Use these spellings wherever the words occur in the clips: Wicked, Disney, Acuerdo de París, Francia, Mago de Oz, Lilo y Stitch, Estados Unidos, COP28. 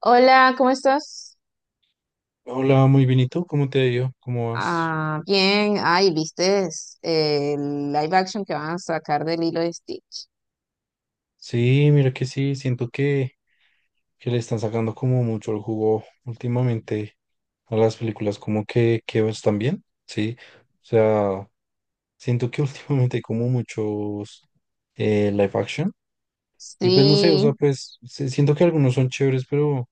Hola, ¿cómo estás? Hola, muy bien. ¿Y tú? ¿Cómo te ha ido? ¿Cómo vas? Ah, bien. Ay, ¿viste el live action que van a sacar de Lilo y Stitch? Sí, mira que sí, siento que le están sacando como mucho el jugo últimamente a las películas, como que están bien, sí. O sea, siento que últimamente hay como muchos live action. Y pues no sé, o sea, Sí. pues sí, siento que algunos son chéveres, pero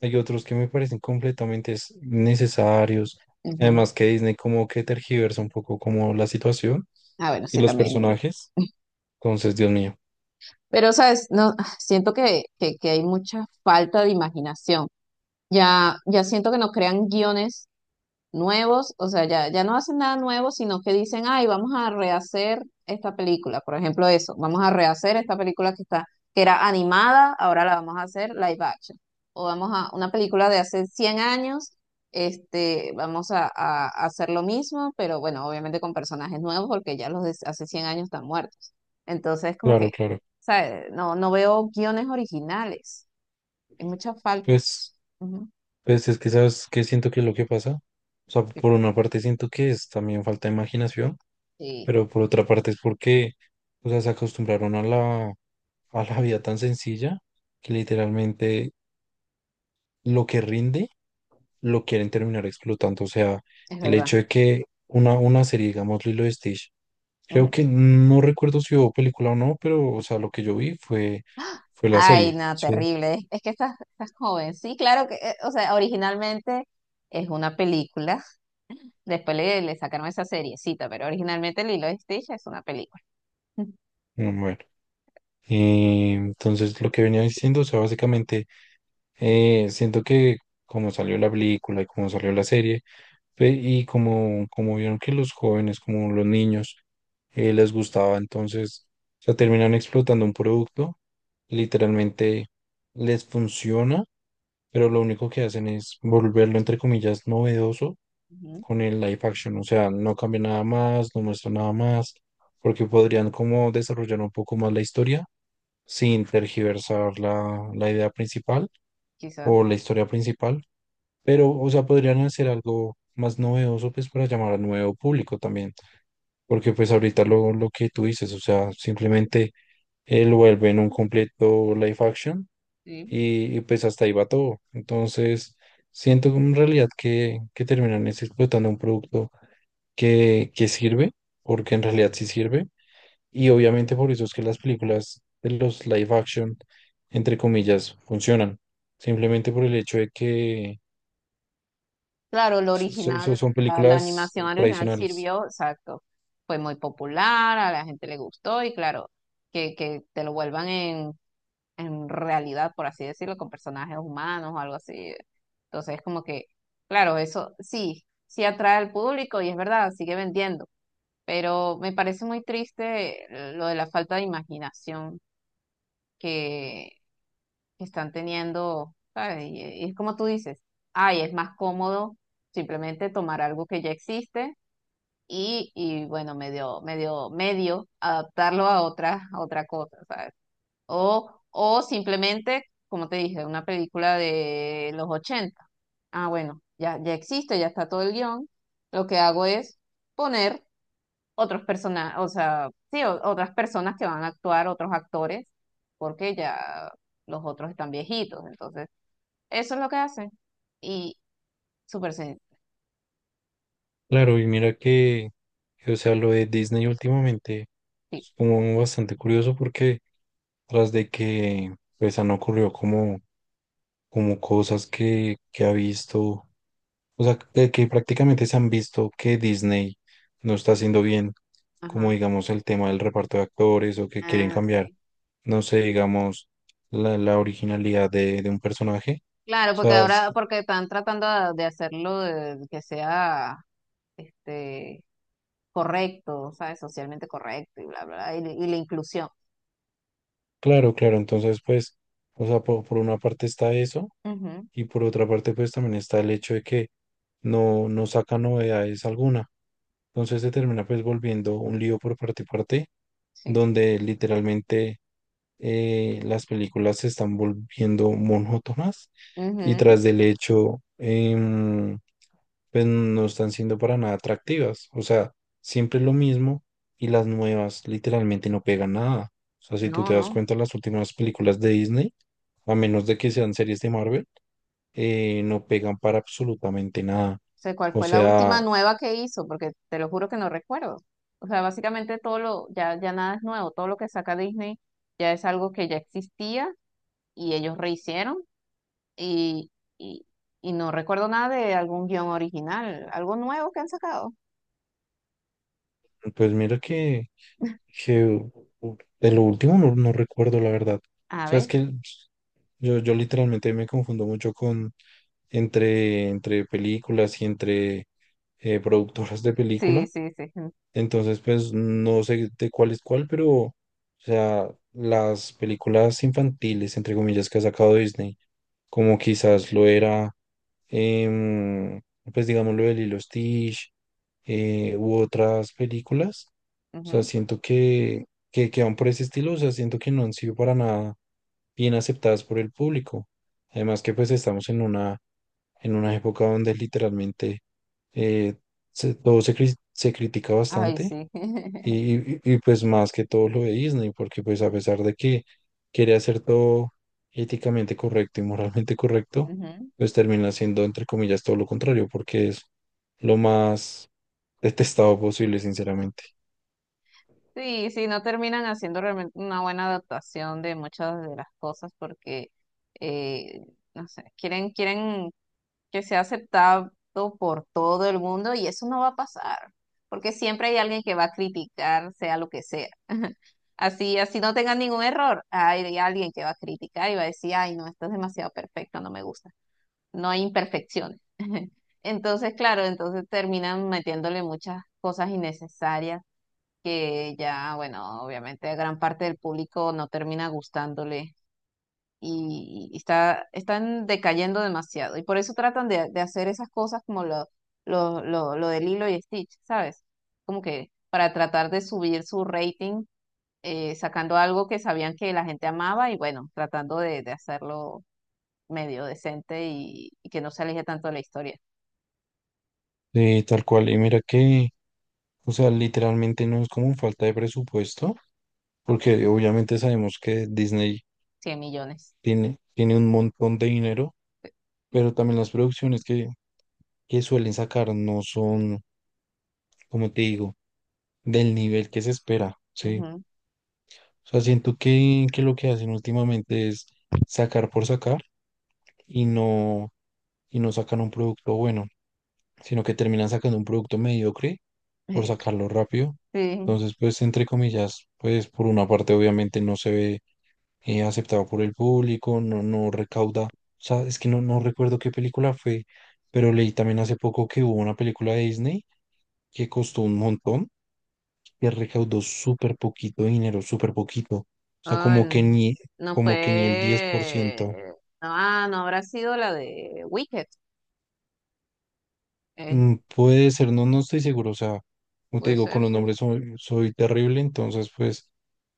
hay otros que me parecen completamente necesarios. Ujú. Además que Disney como que tergiversa un poco como la situación Ah, bueno, y sí, los también. personajes. Entonces, Dios mío. Pero, ¿sabes? No, siento que hay mucha falta de imaginación. Ya siento que no crean guiones nuevos, o sea, ya no hacen nada nuevo, sino que dicen, ay, vamos a rehacer esta película, por ejemplo, eso, vamos a rehacer esta película que está, que era animada, ahora la vamos a hacer live action, o vamos a una película de hace 100 años, vamos a hacer lo mismo, pero bueno, obviamente con personajes nuevos, porque ya los de hace 100 años están muertos. Entonces, como Claro, que, claro. ¿sabes? No veo guiones originales, hay mucha falta. Pues, Ujú. pues es que sabes que siento que es lo que pasa. O sea, por una parte siento que es también falta de imaginación, Sí, pero por otra parte es porque, o sea, se acostumbraron a a la vida tan sencilla que literalmente lo que rinde lo quieren terminar explotando. O sea, es el verdad. hecho de que una serie, digamos, Lilo y Stitch, creo Ujú. que no recuerdo si hubo película o no, pero, o sea, lo que yo vi fue la Ay, serie. no, Sí. terrible. Es que estás joven. Sí, claro que, o sea, originalmente es una película. Después le sacaron esa seriecita, pero originalmente Lilo y Stitch es una película. Bueno. Entonces, lo que venía diciendo, o sea, básicamente siento que como salió la película y como salió la serie, y como, como vieron que los jóvenes, como los niños, les gustaba, entonces, o sea, terminan explotando un producto, literalmente les funciona, pero lo único que hacen es volverlo, entre comillas, novedoso Ujú. con el live action, o sea, no cambia nada más, no muestra nada más, porque podrían como desarrollar un poco más la historia sin tergiversar la idea principal Quizás, o la historia principal pero, o sea, podrían hacer algo más novedoso, pues, para llamar a nuevo público también. Porque, pues, ahorita lo que tú dices, o sea, simplemente lo vuelven un completo live action sí. Y, pues, hasta ahí va todo. Entonces, siento en realidad que terminan es explotando un producto que sirve, porque en realidad sí sirve. Y obviamente por eso es que las películas de los live action, entre comillas, funcionan. Simplemente por el hecho de que Claro, lo so- original, son la películas animación original tradicionales. sirvió, exacto. Fue muy popular, a la gente le gustó y claro, que te lo vuelvan en realidad, por así decirlo, con personajes humanos o algo así. Entonces, como que, claro, eso sí, sí atrae al público y es verdad, sigue vendiendo, pero me parece muy triste lo de la falta de imaginación que, que están teniendo, ¿sabes? Y es como tú dices, ay, es más cómodo simplemente tomar algo que ya existe y bueno, medio adaptarlo a otra cosa, ¿sabes? O simplemente, como te dije, una película de los 80. Ah, bueno, ya existe, ya está todo el guión. Lo que hago es poner otros personajes, o sea, sí, otras personas que van a actuar, otros actores, porque ya los otros están viejitos. Entonces, eso es lo que hacen. Y súper sencillo. Claro, y mira que, o sea, lo de Disney últimamente es como bastante curioso porque tras de que pues han ocurrido como, como cosas que ha visto, o sea, que prácticamente se han visto que Disney no está haciendo bien, como Ajá. digamos el tema del reparto de actores o que quieren Ah, cambiar, sí. no sé, digamos, la originalidad de un personaje. Claro, O porque sea, ahora, porque están tratando de hacerlo de, que sea este correcto, ¿sabes? Socialmente correcto y bla, bla, bla, y la inclusión. claro, claro, entonces pues, o sea, por, una parte está eso Ujú, y por otra parte pues también está el hecho de que no saca novedades alguna. Entonces se termina pues volviendo un lío por parte y parte, sí. donde literalmente las películas se están volviendo monótonas y Ujú. tras del hecho, pues no están siendo para nada atractivas. O sea, siempre es lo mismo y las nuevas literalmente no pegan nada. O sea, si tú No, te das no. cuenta, las últimas películas de Disney, a menos de que sean series de Marvel, no pegan para absolutamente nada. Sé cuál O fue la última sea, nueva que hizo, porque te lo juro que no recuerdo. O sea, básicamente todo lo, ya nada es nuevo, todo lo que saca Disney ya es algo que ya existía y ellos rehicieron y, y, y no recuerdo nada de algún guión original, algo nuevo que han sacado. pues mira que de lo último no recuerdo la verdad. O A sea, es ver, que yo literalmente me confundo mucho con entre películas y entre productoras de película. Sí. Entonces, pues no sé de cuál es cuál, pero, o sea, las películas infantiles, entre comillas, que ha sacado Disney, como quizás lo era, em, pues digamos lo de Lilo y Stitch, u otras películas, o sea, Ujú. siento que van por ese estilo, o sea, siento que no han sido para nada bien aceptadas por el público. Además que pues estamos en una época donde literalmente eh, todo se critica Ay, bastante. sí. Y, y, pues más que todo lo de Disney, porque pues a pesar de que quiere hacer todo éticamente correcto y moralmente correcto, Ujú. pues termina siendo entre comillas todo lo contrario, porque es lo más detestado posible, sinceramente. Sí, sí, no terminan haciendo realmente una buena adaptación de muchas de las cosas porque, eh, no sé, quieren que sea aceptado por todo el mundo y eso no va a pasar, porque siempre hay alguien que va a criticar, sea lo que sea. Así, así no tengan ningún error, hay alguien que va a criticar y va a decir, ay, no, esto es demasiado perfecto, no me gusta, no hay imperfecciones. Entonces, claro, entonces terminan metiéndole muchas cosas innecesarias que ya, bueno, obviamente a gran parte del público no termina gustándole y están decayendo demasiado. Y por eso tratan de hacer esas cosas como lo de Lilo y Stitch, ¿sabes? Como que para tratar de subir su rating, sacando algo que sabían que la gente amaba y bueno, tratando de hacerlo medio decente y que no se aleje tanto de la historia. Sí, tal cual. Y mira que, o sea, literalmente no es como falta de presupuesto, Ok. porque obviamente sabemos que Disney 100 millones. Tiene un montón de dinero, pero también las producciones que suelen sacar no son, como te digo, del nivel que se espera, ¿sí? Ujú. O sea, siento que lo que hacen últimamente es sacar por sacar y y no sacan un producto bueno, sino que terminan sacando un producto mediocre por sacarlo rápido. Sí. Entonces, pues, entre comillas, pues, por una parte, obviamente no se ve aceptado por el público, no recauda, o sea, es que no recuerdo qué película fue, pero leí también hace poco que hubo una película de Disney que costó un montón que recaudó súper poquito dinero, súper poquito. O sea, Ah, no como que ni el 10%. fue. Ah, no habrá sido la de Wicked. Eh, Puede ser, no estoy seguro. O sea, como te puede digo, con ser, los sí. nombres soy, soy terrible, entonces pues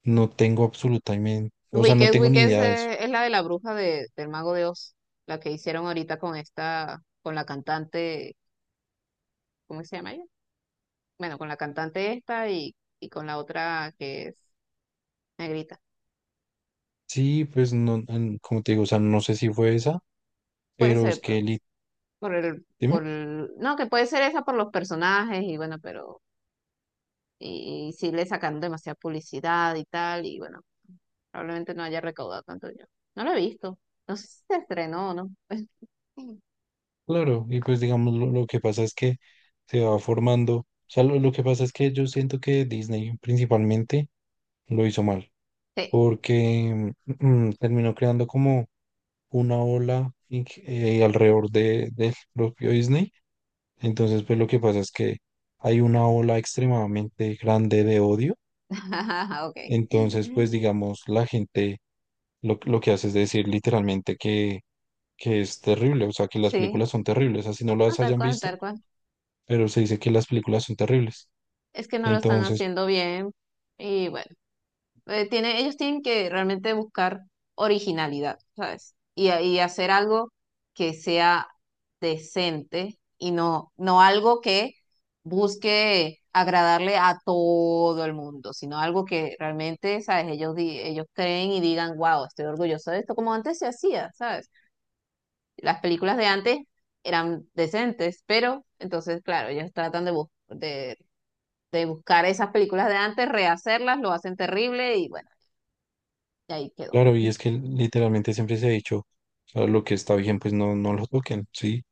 no tengo absolutamente, o sea, no Wicked, tengo Wicked ni idea de eso. Es la de la bruja de, del Mago de Oz, la que hicieron ahorita con esta, con la cantante, ¿cómo se llama ella? Bueno, con la cantante esta y con la otra que es negrita. Sí, pues no, como te digo, o sea, no sé si fue esa, Puede pero es ser que, por el, dime, no, que puede ser esa por los personajes y bueno, pero, y sí le sacaron demasiada publicidad y tal, y bueno. Probablemente no haya recaudado tanto dinero. No lo he visto. No sé si se estrenó o no. Sí. claro, y pues digamos, lo que pasa es que se va formando, o sea, lo que pasa es que yo siento que Disney principalmente lo hizo mal. Sí. Porque terminó creando como una ola alrededor de, del propio Disney. Entonces, pues lo que pasa es que hay una ola extremadamente grande de odio. Ok. Entonces, pues digamos, la gente lo que hace es decir literalmente que es terrible, o sea, que las Sí. películas son terribles, así no No, las tal hayan cual, visto, tal cual. pero se dice que las películas son terribles. Es que no lo están Entonces, haciendo bien. Y bueno. Eh, tiene, ellos tienen que realmente buscar originalidad, ¿sabes? Y hacer algo que sea decente y no, no algo que busque agradarle a todo el mundo, sino algo que realmente, ¿sabes? Ellos, ellos creen y digan, wow, estoy orgulloso de esto, como antes se hacía, ¿sabes? Las películas de antes eran decentes, pero entonces, claro, ellos tratan de, de buscar esas películas de antes, rehacerlas, lo hacen terrible y bueno, y ahí quedó. claro, y es que literalmente siempre se ha dicho, o sea, lo que está bien, pues no lo toquen, ¿sí?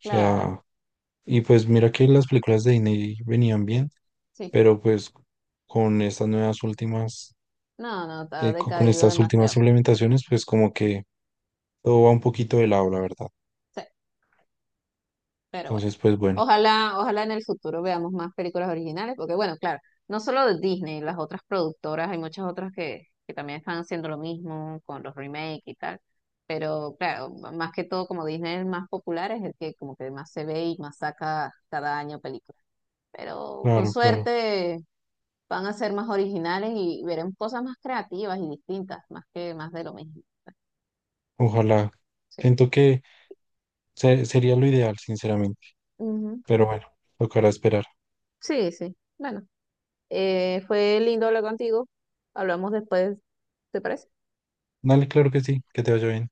O Claro, sea, y pues mira que las películas de Disney venían bien, sí. pero pues con estas nuevas últimas, No, no, está con decaído estas últimas demasiado. implementaciones, pues como que todo va un poquito de lado, la verdad. Sí, pero bueno. Entonces, pues bueno, Ojalá, ojalá en el futuro veamos más películas originales, porque bueno, claro, no solo de Disney, las otras productoras, hay muchas otras que también están haciendo lo mismo con los remakes y tal. Pero claro, más que todo, como Disney es el más popular, es el que como que más se ve y más saca cada año películas. Pero con claro, claro. suerte van a ser más originales y veremos cosas más creativas y distintas, más que más de lo mismo. Ojalá. Sí. Siento que sería lo ideal, sinceramente. Pero bueno, tocará esperar. Sí, sí. Bueno, fue lindo hablar contigo. Hablamos después, ¿te parece? Dale, claro que sí, que te vaya bien.